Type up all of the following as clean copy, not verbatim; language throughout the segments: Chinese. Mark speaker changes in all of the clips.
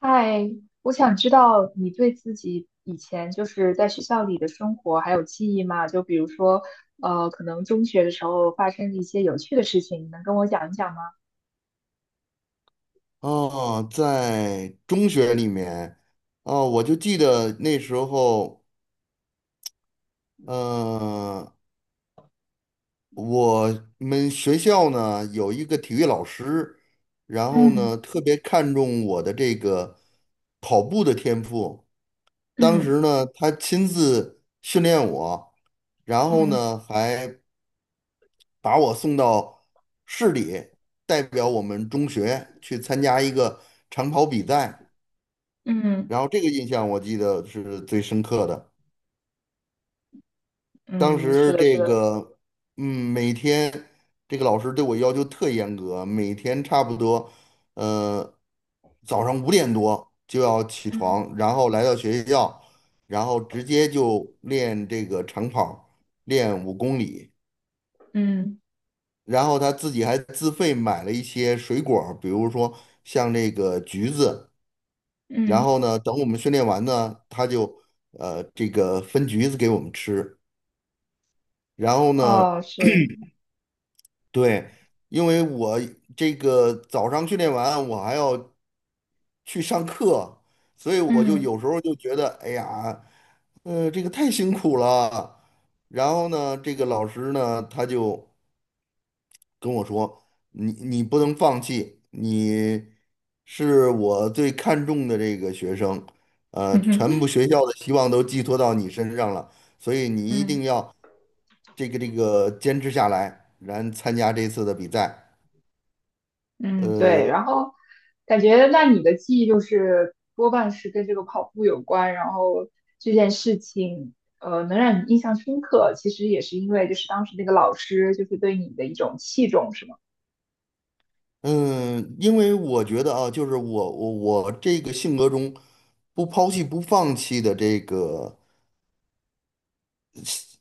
Speaker 1: 嗨，我想知道你对自己以前就是在学校里的生活还有记忆吗？就比如说，可能中学的时候发生的一些有趣的事情，你能跟我讲一讲吗？
Speaker 2: 哦，在中学里面，哦，我就记得那时候，呃，我们学校呢有一个体育老师，然后
Speaker 1: 嗯
Speaker 2: 呢特别看重我的这个跑步的天赋。当
Speaker 1: 嗯
Speaker 2: 时呢，他亲自训练我，然后
Speaker 1: 嗯
Speaker 2: 呢还把我送到市里，代表我们中学去参加一个长跑比赛。
Speaker 1: 嗯
Speaker 2: 然后这个印象我记得是最深刻的。当
Speaker 1: 嗯，是
Speaker 2: 时
Speaker 1: 的，是
Speaker 2: 这
Speaker 1: 的，
Speaker 2: 个，嗯，每天这个老师对我要求特严格，每天差不多，呃，早上5点多就要起
Speaker 1: 嗯
Speaker 2: 床，然后来到学校，然后直接就练这个长跑，练5公里。
Speaker 1: 嗯
Speaker 2: 然后他自己还自费买了一些水果儿比如说像这个橘子。然
Speaker 1: 嗯
Speaker 2: 后呢，等我们训练完呢，他就这个分橘子给我们吃。然后呢，
Speaker 1: 哦，是，
Speaker 2: 对，因为我这个早上训练完，我还要去上课，所以我就
Speaker 1: 嗯
Speaker 2: 有时候就觉得，哎呀，这个太辛苦了。然后呢，这个老师呢，他就，跟我说，你不能放弃，你是我最看重的这个学生，
Speaker 1: 嗯哼。
Speaker 2: 全部 学校的希望都寄托到你身上了，所以你一定
Speaker 1: 嗯。
Speaker 2: 要这个坚持下来，然参加这次的比赛。
Speaker 1: 嗯，
Speaker 2: 呃
Speaker 1: 对，然后感觉那你的记忆就是多半是跟这个跑步有关，然后这件事情，能让你印象深刻，其实也是因为就是当时那个老师就是对你的一种器重，是吗？
Speaker 2: 嗯，因为我觉得啊，就是我这个性格中不抛弃不放弃的这个，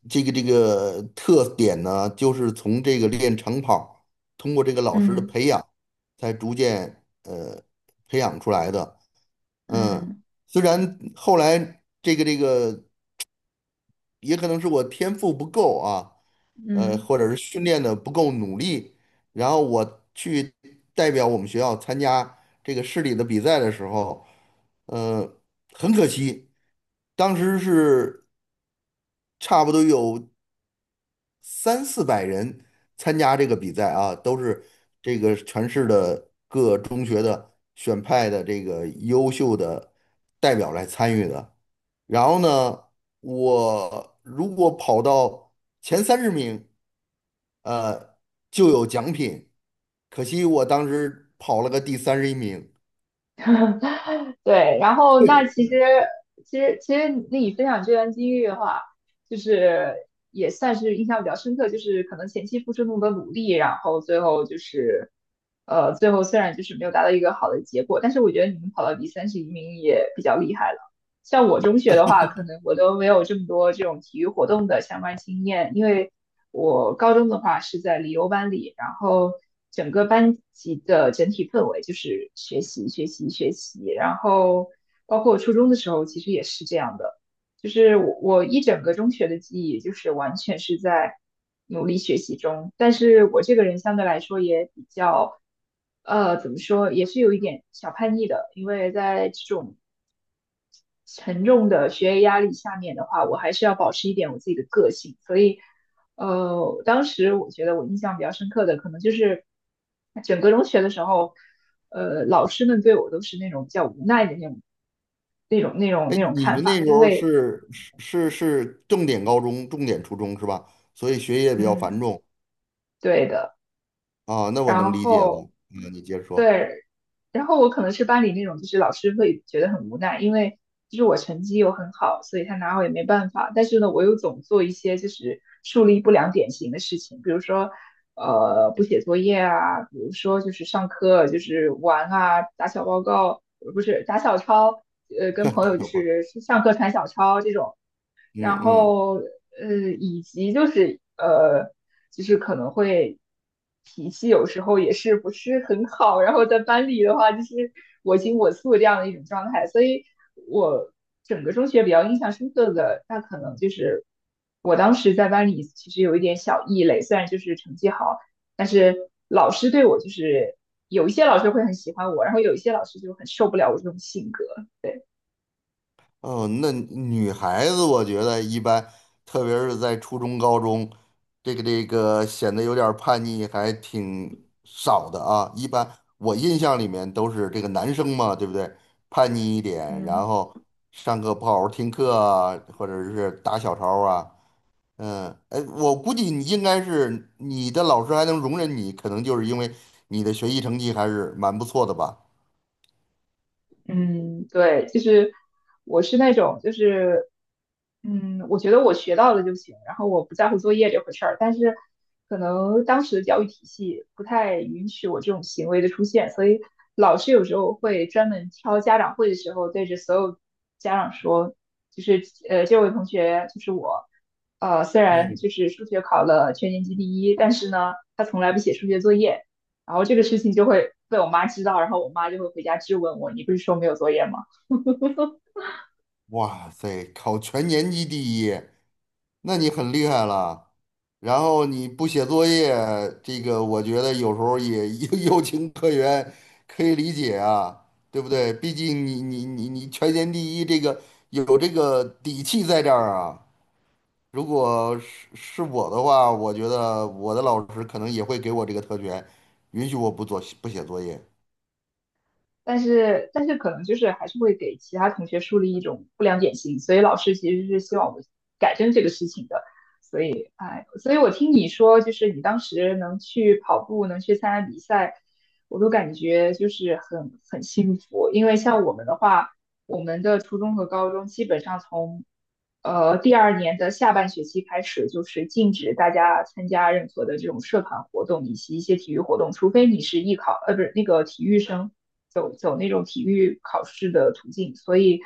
Speaker 2: 这个特点呢，就是从这个练长跑，通过这个老师的
Speaker 1: 嗯
Speaker 2: 培养，才逐渐培养出来的。嗯，
Speaker 1: 嗯
Speaker 2: 虽然后来也可能是我天赋不够啊，
Speaker 1: 嗯。
Speaker 2: 或者是训练的不够努力，然后我去代表我们学校参加这个市里的比赛的时候，呃，很可惜，当时是差不多有三四百人参加这个比赛啊，都是这个全市的各中学的选派的这个优秀的代表来参与的。然后呢，我如果跑到前30名，呃，就有奖品。可惜我当时跑了个第31名。
Speaker 1: 对，然后那其实你分享这段经历的话，就是也算是印象比较深刻，就是可能前期付出那么多努力，然后最后虽然就是没有达到一个好的结果，但是我觉得你们跑到第31名也比较厉害了。像我中学的话，可能我都没有这么多这种体育活动的相关经验，因为我高中的话是在理优班里，然后整个班级的整体氛围就是学习、学习、学习，然后包括初中的时候，其实也是这样的，就是我一整个中学的记忆就是完全是在努力学习中，但是我这个人相对来说也比较。怎么说，也是有一点小叛逆的，因为在这种沉重的学业压力下面的话，我还是要保持一点我自己的个性。所以，当时我觉得我印象比较深刻的，可能就是整个中学的时候，老师们对我都是那种比较无奈的那种、那种、那种、
Speaker 2: 哎，
Speaker 1: 那种
Speaker 2: 你
Speaker 1: 看
Speaker 2: 们
Speaker 1: 法，
Speaker 2: 那时
Speaker 1: 因
Speaker 2: 候
Speaker 1: 为，
Speaker 2: 是重点高中、重点初中是吧？所以学业比较繁
Speaker 1: 嗯，
Speaker 2: 重
Speaker 1: 对的。
Speaker 2: 啊，那我能
Speaker 1: 然
Speaker 2: 理解
Speaker 1: 后
Speaker 2: 了。嗯，你接着说。
Speaker 1: 对，然后我可能是班里那种，就是老师会觉得很无奈，因为就是我成绩又很好，所以他拿我也没办法。但是呢，我又总做一些就是树立不良典型的事情，比如说不写作业啊，比如说就是上课就是玩啊，打小报告，不是打小抄，
Speaker 2: 朋
Speaker 1: 跟朋友就
Speaker 2: 友，
Speaker 1: 是上课传小抄这种。
Speaker 2: 嗯
Speaker 1: 然
Speaker 2: 嗯，
Speaker 1: 后以及就是可能会脾气有时候也是不是很好，然后在班里的话就是我行我素这样的一种状态，所以我整个中学比较印象深刻的，那可能就是我当时在班里其实有一点小异类，虽然就是成绩好，但是老师对我就是有一些老师会很喜欢我，然后有一些老师就很受不了我这种性格，对，
Speaker 2: 哦，那女孩子我觉得一般，特别是在初中、高中，显得有点儿叛逆，还挺少的啊。一般我印象里面都是这个男生嘛，对不对？叛逆一点，然
Speaker 1: 嗯。
Speaker 2: 后上课不好好听课啊，或者是打小抄啊。嗯，哎，我估计你应该是你的老师还能容忍你，可能就是因为你的学习成绩还是蛮不错的吧。
Speaker 1: 嗯，对，就是我是那种，就是我觉得我学到了就行，然后我不在乎作业这回事儿。但是可能当时的教育体系不太允许我这种行为的出现，所以老师有时候会专门挑家长会的时候，对着所有家长说，就是,这位同学就是我，虽然
Speaker 2: 嗯。
Speaker 1: 就是数学考了全年级第一，但是呢，他从来不写数学作业。然后这个事情就会被我妈知道，然后我妈就会回家质问我，你不是说没有作业吗？
Speaker 2: 哇塞，考全年级第一，那你很厉害了。然后你不写作业，这个我觉得有时候也 有情可原，可以理解啊，对不对？毕竟你全年第一，这个有这个底气在这儿啊。如果是我的话，我觉得我的老师可能也会给我这个特权，允许我不做不写作业。
Speaker 1: 但是可能就是还是会给其他同学树立一种不良典型，所以老师其实是希望我们改正这个事情的。所以哎，所以我听你说，就是你当时能去跑步，能去参加比赛，我都感觉就是很幸福，因为像我们的话。我们的初中和高中基本上从第二年的下半学期开始，就是禁止大家参加任何的这种社团活动以及一些体育活动，除非你是艺考，不是那个体育生，走那种体育考试的途径。所以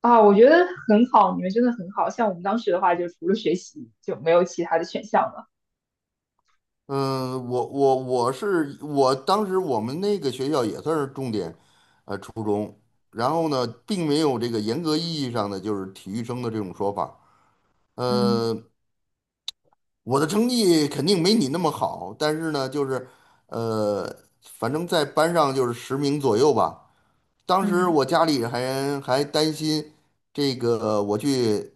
Speaker 1: 啊，我觉得很好，你们真的很好。像我们当时的话，就除了学习就没有其他的选项了。
Speaker 2: 嗯，我当时我们那个学校也算是重点，初中。然后呢，并没有这个严格意义上的就是体育生的这种说法。
Speaker 1: 嗯
Speaker 2: 呃，我的成绩肯定没你那么好，但是呢，就是呃，反正在班上就是十名左右吧。当时
Speaker 1: 嗯
Speaker 2: 我家里还担心这个我去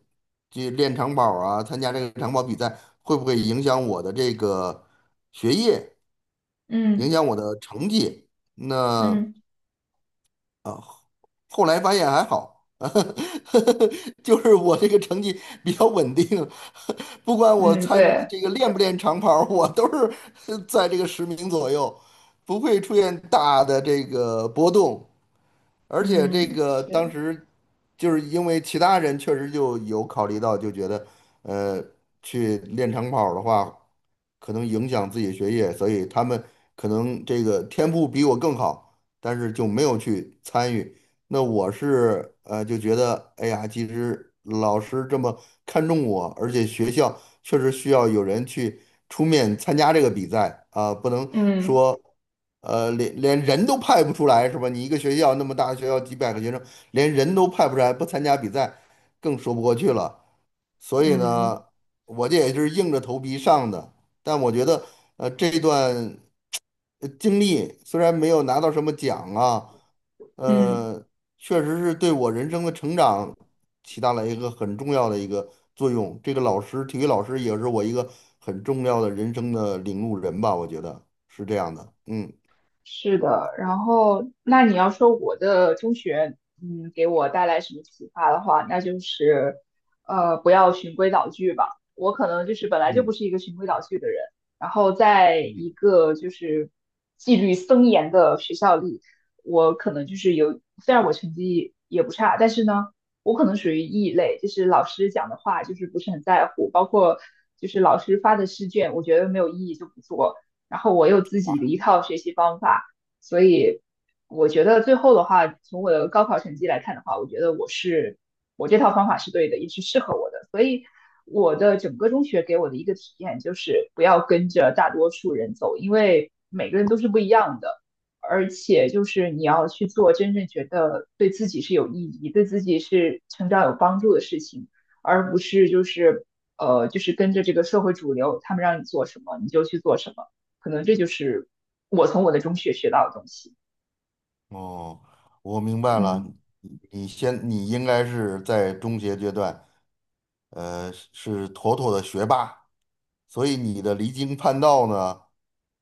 Speaker 2: 去练长跑啊，参加这个长跑比赛会不会影响我的这个学业？影
Speaker 1: 嗯
Speaker 2: 响我的成绩。那
Speaker 1: 嗯
Speaker 2: 后来发现还好，就是我这个成绩比较稳定，不管我
Speaker 1: 嗯，
Speaker 2: 参
Speaker 1: 对，
Speaker 2: 这个练不练长跑儿我都是 在这个10名左右，不会出现大的这个波动。而且这
Speaker 1: 嗯
Speaker 2: 个当
Speaker 1: 是，
Speaker 2: 时就是因为其他人确实就有考虑到，就觉得呃，去练长跑儿的话，可能影响自己的学业，所以他们可能这个天赋比我更好，但是就没有去参与。那我是就觉得，哎呀，其实老师这么看重我，而且学校确实需要有人去出面参加这个比赛啊，不能
Speaker 1: 嗯
Speaker 2: 说，连人都派不出来是吧？你一个学校那么大，学校几百个学生，连人都派不出来，不参加比赛，更说不过去了。所以呢，
Speaker 1: 嗯
Speaker 2: 我这也是硬着头皮上的。但我觉得，这段经历虽然没有拿到什么奖啊，
Speaker 1: 嗯。
Speaker 2: 呃，确实是对我人生的成长起到了一个很重要的一个作用。这个老师，体育老师也是我一个很重要的人生的领路人吧，我觉得是这样的。嗯
Speaker 1: 是的，然后那你要说我的中学，嗯，给我带来什么启发的话，那就是，不要循规蹈矩吧。我可能就是本来就不
Speaker 2: 嗯
Speaker 1: 是一个循规蹈矩的人，然后在
Speaker 2: 嗯，
Speaker 1: 一个就是纪律森严的学校里，我可能就是有，虽然我成绩也不差，但是呢，我可能属于异类，就是老师讲的话就是不是很在乎，包括就是老师发的试卷，我觉得没有意义就不做。然后我有自己
Speaker 2: 啊，
Speaker 1: 的一套学习方法，所以我觉得最后的话，从我的高考成绩来看的话，我觉得我这套方法是对的，也是适合我的。所以我的整个中学给我的一个体验就是不要跟着大多数人走，因为每个人都是不一样的，而且就是你要去做真正觉得对自己是有意义、对自己是成长有帮助的事情，而不是就是。就是跟着这个社会主流，他们让你做什么你就去做什么。可能这就是我从我的中学学到的东西。
Speaker 2: 哦，我明白了，
Speaker 1: 嗯
Speaker 2: 你先，你应该是在中学阶段，是妥妥的学霸。所以你的离经叛道呢，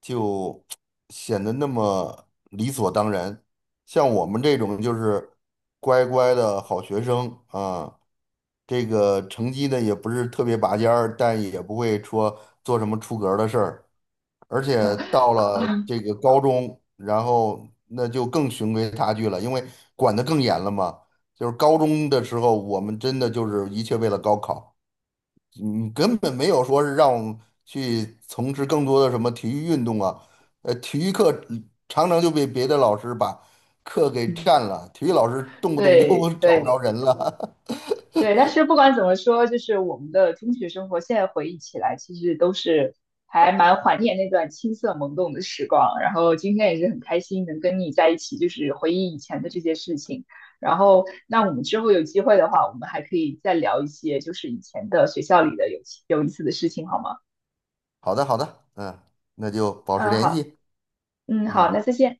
Speaker 2: 就 显得那么理所当然。像我们这种就是乖乖的好学生啊，这个成绩呢也不是特别拔尖儿，但也不会说做什么出格儿的事儿。而且到了这个高中，然后那就更循规蹈矩了，因为管得更严了嘛。就是高中的时候，我们真的就是一切为了高考。嗯，根本没有说是让我们去从事更多的什么体育运动啊，体育课常常就被别的老师把课给
Speaker 1: 嗯，
Speaker 2: 占了，体育老师动不动就
Speaker 1: 对
Speaker 2: 找不
Speaker 1: 对
Speaker 2: 着人了。
Speaker 1: 对，但是不管怎么说，就是我们的中学生活，现在回忆起来，其实都是还蛮怀念那段青涩懵懂的时光。然后今天也是很开心能跟你在一起，就是回忆以前的这些事情。然后，那我们之后有机会的话，我们还可以再聊一些，就是以前的学校里的有意思的事情，好吗？
Speaker 2: 好的，好的，嗯，那就保持
Speaker 1: 嗯，
Speaker 2: 联
Speaker 1: 好，
Speaker 2: 系，
Speaker 1: 嗯，好，
Speaker 2: 嗯。
Speaker 1: 那再见。